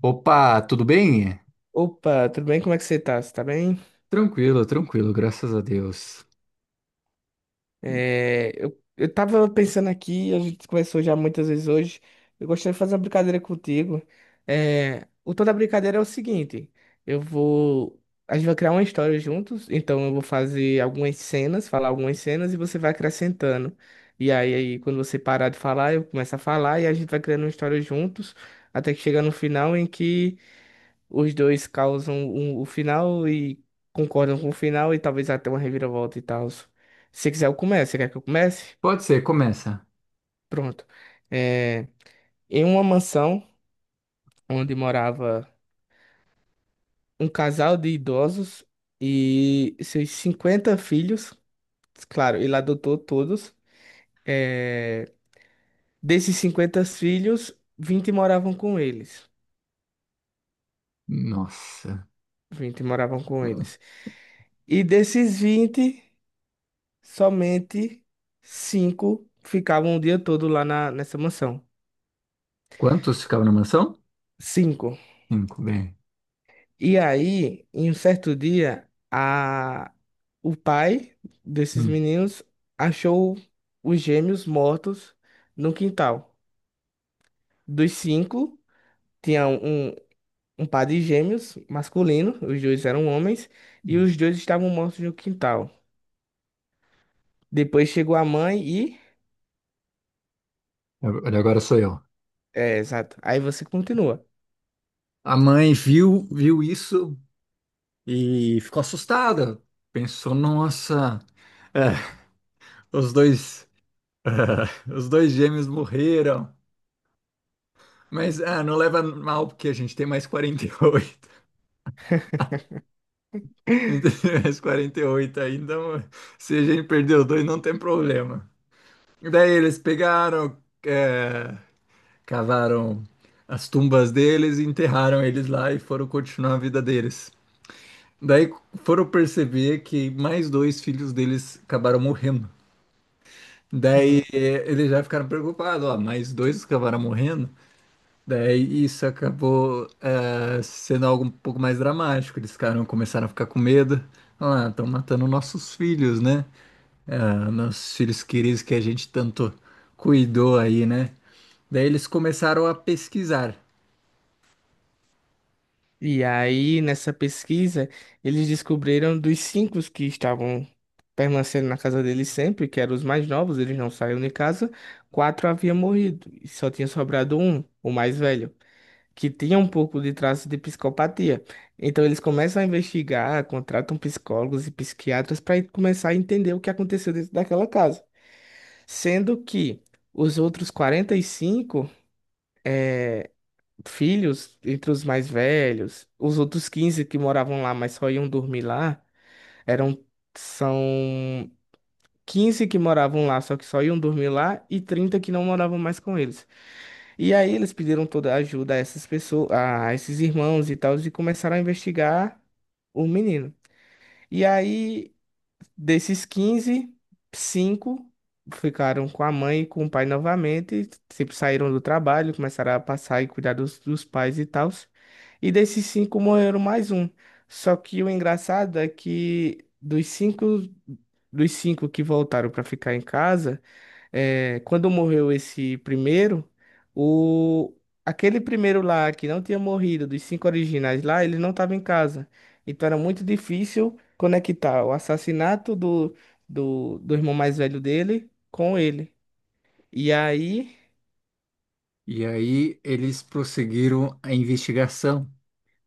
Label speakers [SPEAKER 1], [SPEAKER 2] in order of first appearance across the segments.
[SPEAKER 1] Opa, tudo bem?
[SPEAKER 2] Opa, tudo bem? Como é que você tá? Você tá bem?
[SPEAKER 1] Tranquilo, tranquilo, graças a Deus.
[SPEAKER 2] É, eu tava pensando aqui, a gente conversou já muitas vezes hoje. Eu gostaria de fazer uma brincadeira contigo. É, o tom da brincadeira é o seguinte, eu vou... a gente vai criar uma história juntos, então eu vou fazer algumas cenas, falar algumas cenas e você vai acrescentando. E aí quando você parar de falar, eu começo a falar e a gente vai criando uma história juntos, até que chega no final em que. Os dois causam o final e concordam com o final e talvez até uma reviravolta e tal. Se quiser, eu começo. Você quer que eu comece?
[SPEAKER 1] Pode ser, começa.
[SPEAKER 2] Pronto. É, em uma mansão onde morava um casal de idosos e seus 50 filhos, claro, ele adotou todos. É, desses 50 filhos, 20 moravam com eles.
[SPEAKER 1] Nossa.
[SPEAKER 2] 20 moravam com eles. E desses 20, somente cinco ficavam o dia todo lá nessa mansão.
[SPEAKER 1] Quantos ficavam na mansão?
[SPEAKER 2] Cinco.
[SPEAKER 1] Cinco, bem.
[SPEAKER 2] E aí, em um certo dia, o pai desses
[SPEAKER 1] Hum.
[SPEAKER 2] meninos achou os gêmeos mortos no quintal. Dos cinco, tinha um par de gêmeos masculino, os dois eram homens, e os dois estavam mortos no quintal. Depois chegou a mãe e.
[SPEAKER 1] Agora sou eu.
[SPEAKER 2] É, exato. Aí você continua.
[SPEAKER 1] A mãe viu isso e ficou assustada. Pensou, nossa, é, os dois, os dois gêmeos morreram. Mas ah, não leva mal, porque a gente tem mais 48. A gente tem mais 48, ainda. Então, se a gente perdeu dois, não tem problema. E daí eles pegaram, é, cavaram as tumbas deles, e enterraram eles lá e foram continuar a vida deles. Daí foram perceber que mais dois filhos deles acabaram morrendo. Daí eles já ficaram preocupados, ó, mais dois acabaram morrendo. Daí isso acabou sendo algo um pouco mais dramático. Eles ficaram, começaram a ficar com medo. Ah, estão matando nossos filhos, né? Ah, nossos filhos queridos que a gente tanto cuidou aí, né? Daí eles começaram a pesquisar.
[SPEAKER 2] E aí, nessa pesquisa, eles descobriram dos cinco que estavam permanecendo na casa deles sempre, que eram os mais novos, eles não saíam de casa, quatro haviam morrido e só tinha sobrado um, o mais velho, que tinha um pouco de traço de psicopatia. Então, eles começam a investigar, contratam psicólogos e psiquiatras para começar a entender o que aconteceu dentro daquela casa, sendo que os outros 45 filhos entre os mais velhos, os outros 15 que moravam lá, mas só iam dormir lá, eram são 15 que moravam lá, só que só iam dormir lá e 30 que não moravam mais com eles. E aí eles pediram toda a ajuda a essas pessoas, a esses irmãos e tal, e começaram a investigar o menino. E aí, desses 15, 5 ficaram com a mãe e com o pai novamente. Sempre saíram do trabalho, começaram a passar e cuidar dos pais e tal. E desses cinco morreram mais um. Só que o engraçado é que dos cinco que voltaram para ficar em casa, é, quando morreu esse primeiro, o aquele primeiro lá que não tinha morrido, dos cinco originais lá, ele não estava em casa. Então era muito difícil conectar o assassinato do irmão mais velho dele com ele. E aí.
[SPEAKER 1] E aí eles prosseguiram a investigação,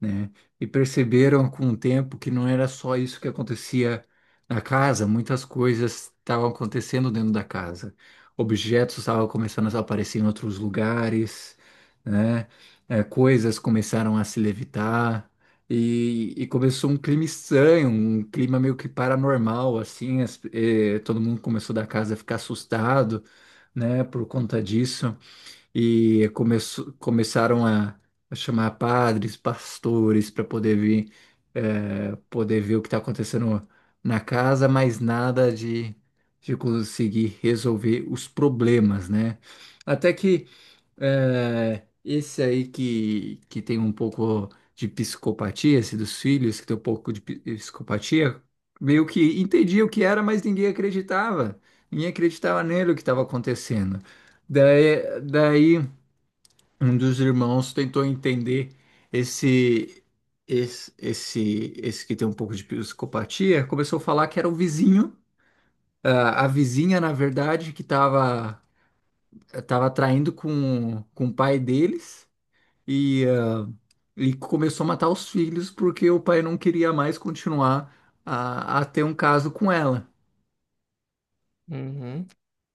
[SPEAKER 1] né? E perceberam com o tempo que não era só isso que acontecia na casa, muitas coisas estavam acontecendo dentro da casa. Objetos estavam começando a aparecer em outros lugares, né? É, coisas começaram a se levitar e começou um clima estranho, um clima meio que paranormal, assim, todo mundo começou da casa a ficar assustado, né, por conta disso e começaram a chamar padres, pastores para poder vir, poder ver o que está acontecendo na casa, mas nada de conseguir resolver os problemas, né? Até que esse aí que tem um pouco de psicopatia, esse dos filhos que tem um pouco de psicopatia, meio que entendia o que era, mas ninguém acreditava. Ninguém acreditava nele o que estava acontecendo. Daí, um dos irmãos tentou entender esse esse que tem um pouco de psicopatia, começou a falar que era o vizinho, ah, a vizinha, na verdade, que estava tava traindo com o pai deles e, ah, e começou a matar os filhos porque o pai não queria mais continuar a ter um caso com ela.
[SPEAKER 2] Uhum.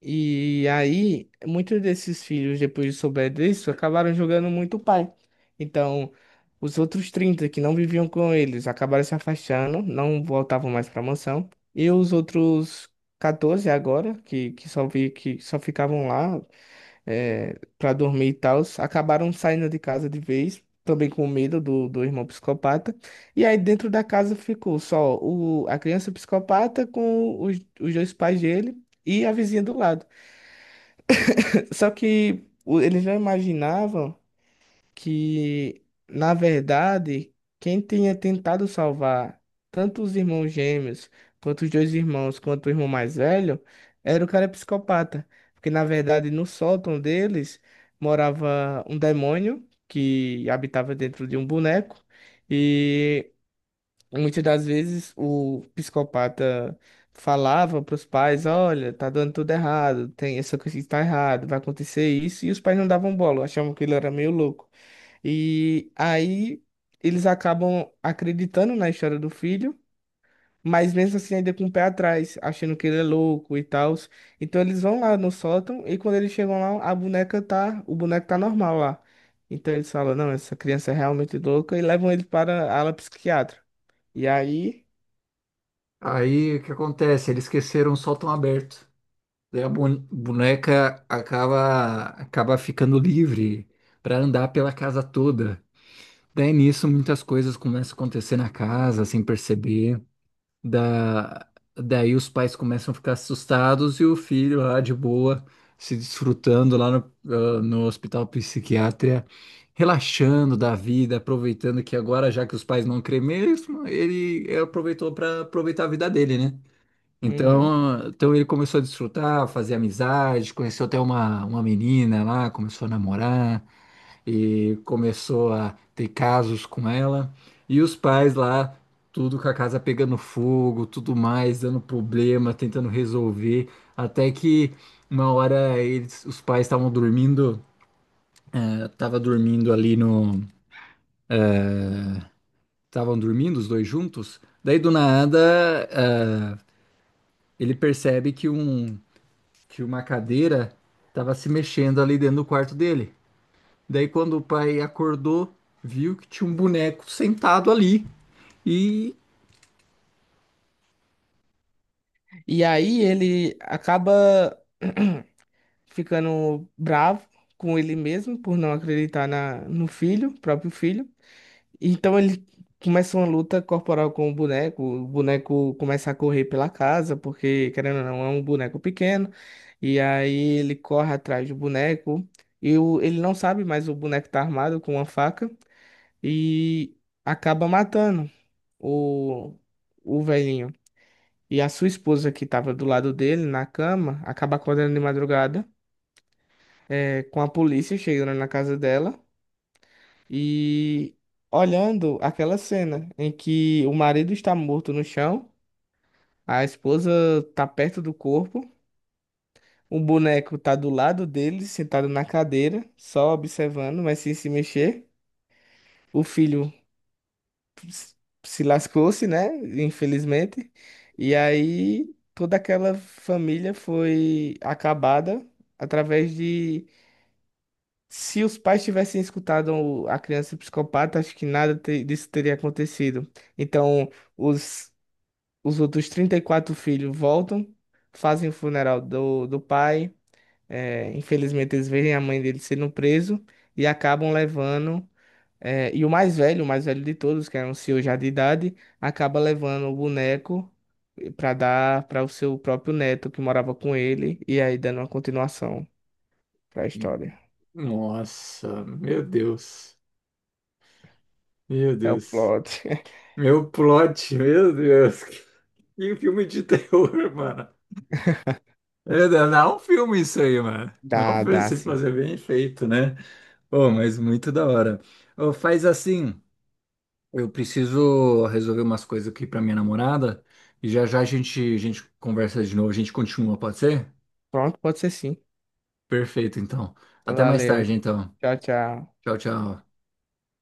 [SPEAKER 2] E aí, muitos desses filhos, depois de souber disso, acabaram jogando muito o pai. Então, os outros 30 que não viviam com eles acabaram se afastando, não voltavam mais para a mansão. E os outros 14 agora, que só ficavam lá para dormir e tal, acabaram saindo de casa de vez, também com medo do irmão psicopata. E aí, dentro da casa ficou só a criança psicopata com os dois pais dele e a vizinha do lado. Só que eles não imaginavam que, na verdade, quem tinha tentado salvar tanto os irmãos gêmeos, quanto os dois irmãos, quanto o irmão mais velho, era o cara psicopata. Porque, na verdade, no sótão deles morava um demônio que habitava dentro de um boneco. E muitas das vezes o psicopata falava para os pais, olha, tá dando tudo errado, tem essa coisa que está errado, vai acontecer isso, e os pais não davam bola, achavam que ele era meio louco. E aí eles acabam acreditando na história do filho, mas mesmo assim ainda com o pé atrás, achando que ele é louco e tal. Então eles vão lá no sótão e quando eles chegam lá, a boneca tá, o boneco tá normal lá. Então eles falam, não, essa criança é realmente louca e levam ele para a ala psiquiátrica. E aí.
[SPEAKER 1] Aí o que acontece? Eles esqueceram o sótão aberto. Daí a boneca acaba, acaba ficando livre para andar pela casa toda. Daí nisso muitas coisas começam a acontecer na casa sem perceber. Da, daí os pais começam a ficar assustados e o filho lá de boa, se desfrutando lá no hospital psiquiátrico, relaxando da vida, aproveitando que agora, já que os pais não creem mesmo, ele aproveitou para aproveitar a vida dele, né?
[SPEAKER 2] Uhum.
[SPEAKER 1] Então ele começou a desfrutar, fazer amizade, conheceu até uma menina lá, começou a namorar e começou a ter casos com ela. E os pais lá, tudo com a casa pegando fogo, tudo mais, dando problema, tentando resolver, até que uma hora eles, os pais estavam dormindo, eh, tava dormindo ali no, estavam dormindo os dois juntos. Daí do nada, ah, ele percebe que um tinha uma cadeira, tava se mexendo ali dentro do quarto dele. Daí quando o pai acordou, viu que tinha um boneco sentado ali e...
[SPEAKER 2] E aí ele acaba ficando bravo com ele mesmo por não acreditar na, no filho, próprio filho. Então ele começa uma luta corporal com o boneco. O boneco começa a correr pela casa, porque, querendo ou não, é um boneco pequeno. E aí ele corre atrás do boneco. E ele não sabe, mas o boneco tá armado com uma faca e acaba matando o, o velhinho. E a sua esposa, que estava do lado dele na cama, acaba acordando de madrugada, é, com a polícia chegando na casa dela e olhando aquela cena em que o marido está morto no chão, a esposa está perto do corpo, o boneco está do lado dele, sentado na cadeira, só observando, mas sem se mexer. O filho s- se lascou-se, né? Infelizmente. E aí toda aquela família foi acabada através de. Se os pais tivessem escutado a criança psicopata, acho que nada disso teria acontecido. Então, os, os outros 34 filhos voltam, fazem o funeral do pai. É, infelizmente, eles veem a mãe dele sendo preso e acabam levando é, e o mais velho de todos, que era um senhor já de idade, acaba levando o boneco para dar para o seu próprio neto que morava com ele, e aí dando uma continuação para a história.
[SPEAKER 1] Nossa, meu Deus. Meu
[SPEAKER 2] É o
[SPEAKER 1] Deus.
[SPEAKER 2] plot.
[SPEAKER 1] Meu plot, meu Deus. Que filme de terror, mano. É, não é um filme isso aí, mano. Não é um
[SPEAKER 2] Dá,
[SPEAKER 1] filme
[SPEAKER 2] dá
[SPEAKER 1] se
[SPEAKER 2] sim.
[SPEAKER 1] fazer bem feito, né? Pô, mas muito da hora. Ô, faz assim. Eu preciso resolver umas coisas aqui pra minha namorada e já já a gente conversa de novo, a gente continua, pode ser?
[SPEAKER 2] Pronto, pode ser sim.
[SPEAKER 1] Perfeito, então. Até mais
[SPEAKER 2] Valeu.
[SPEAKER 1] tarde, então.
[SPEAKER 2] Tchau, tchau.
[SPEAKER 1] Tchau, tchau.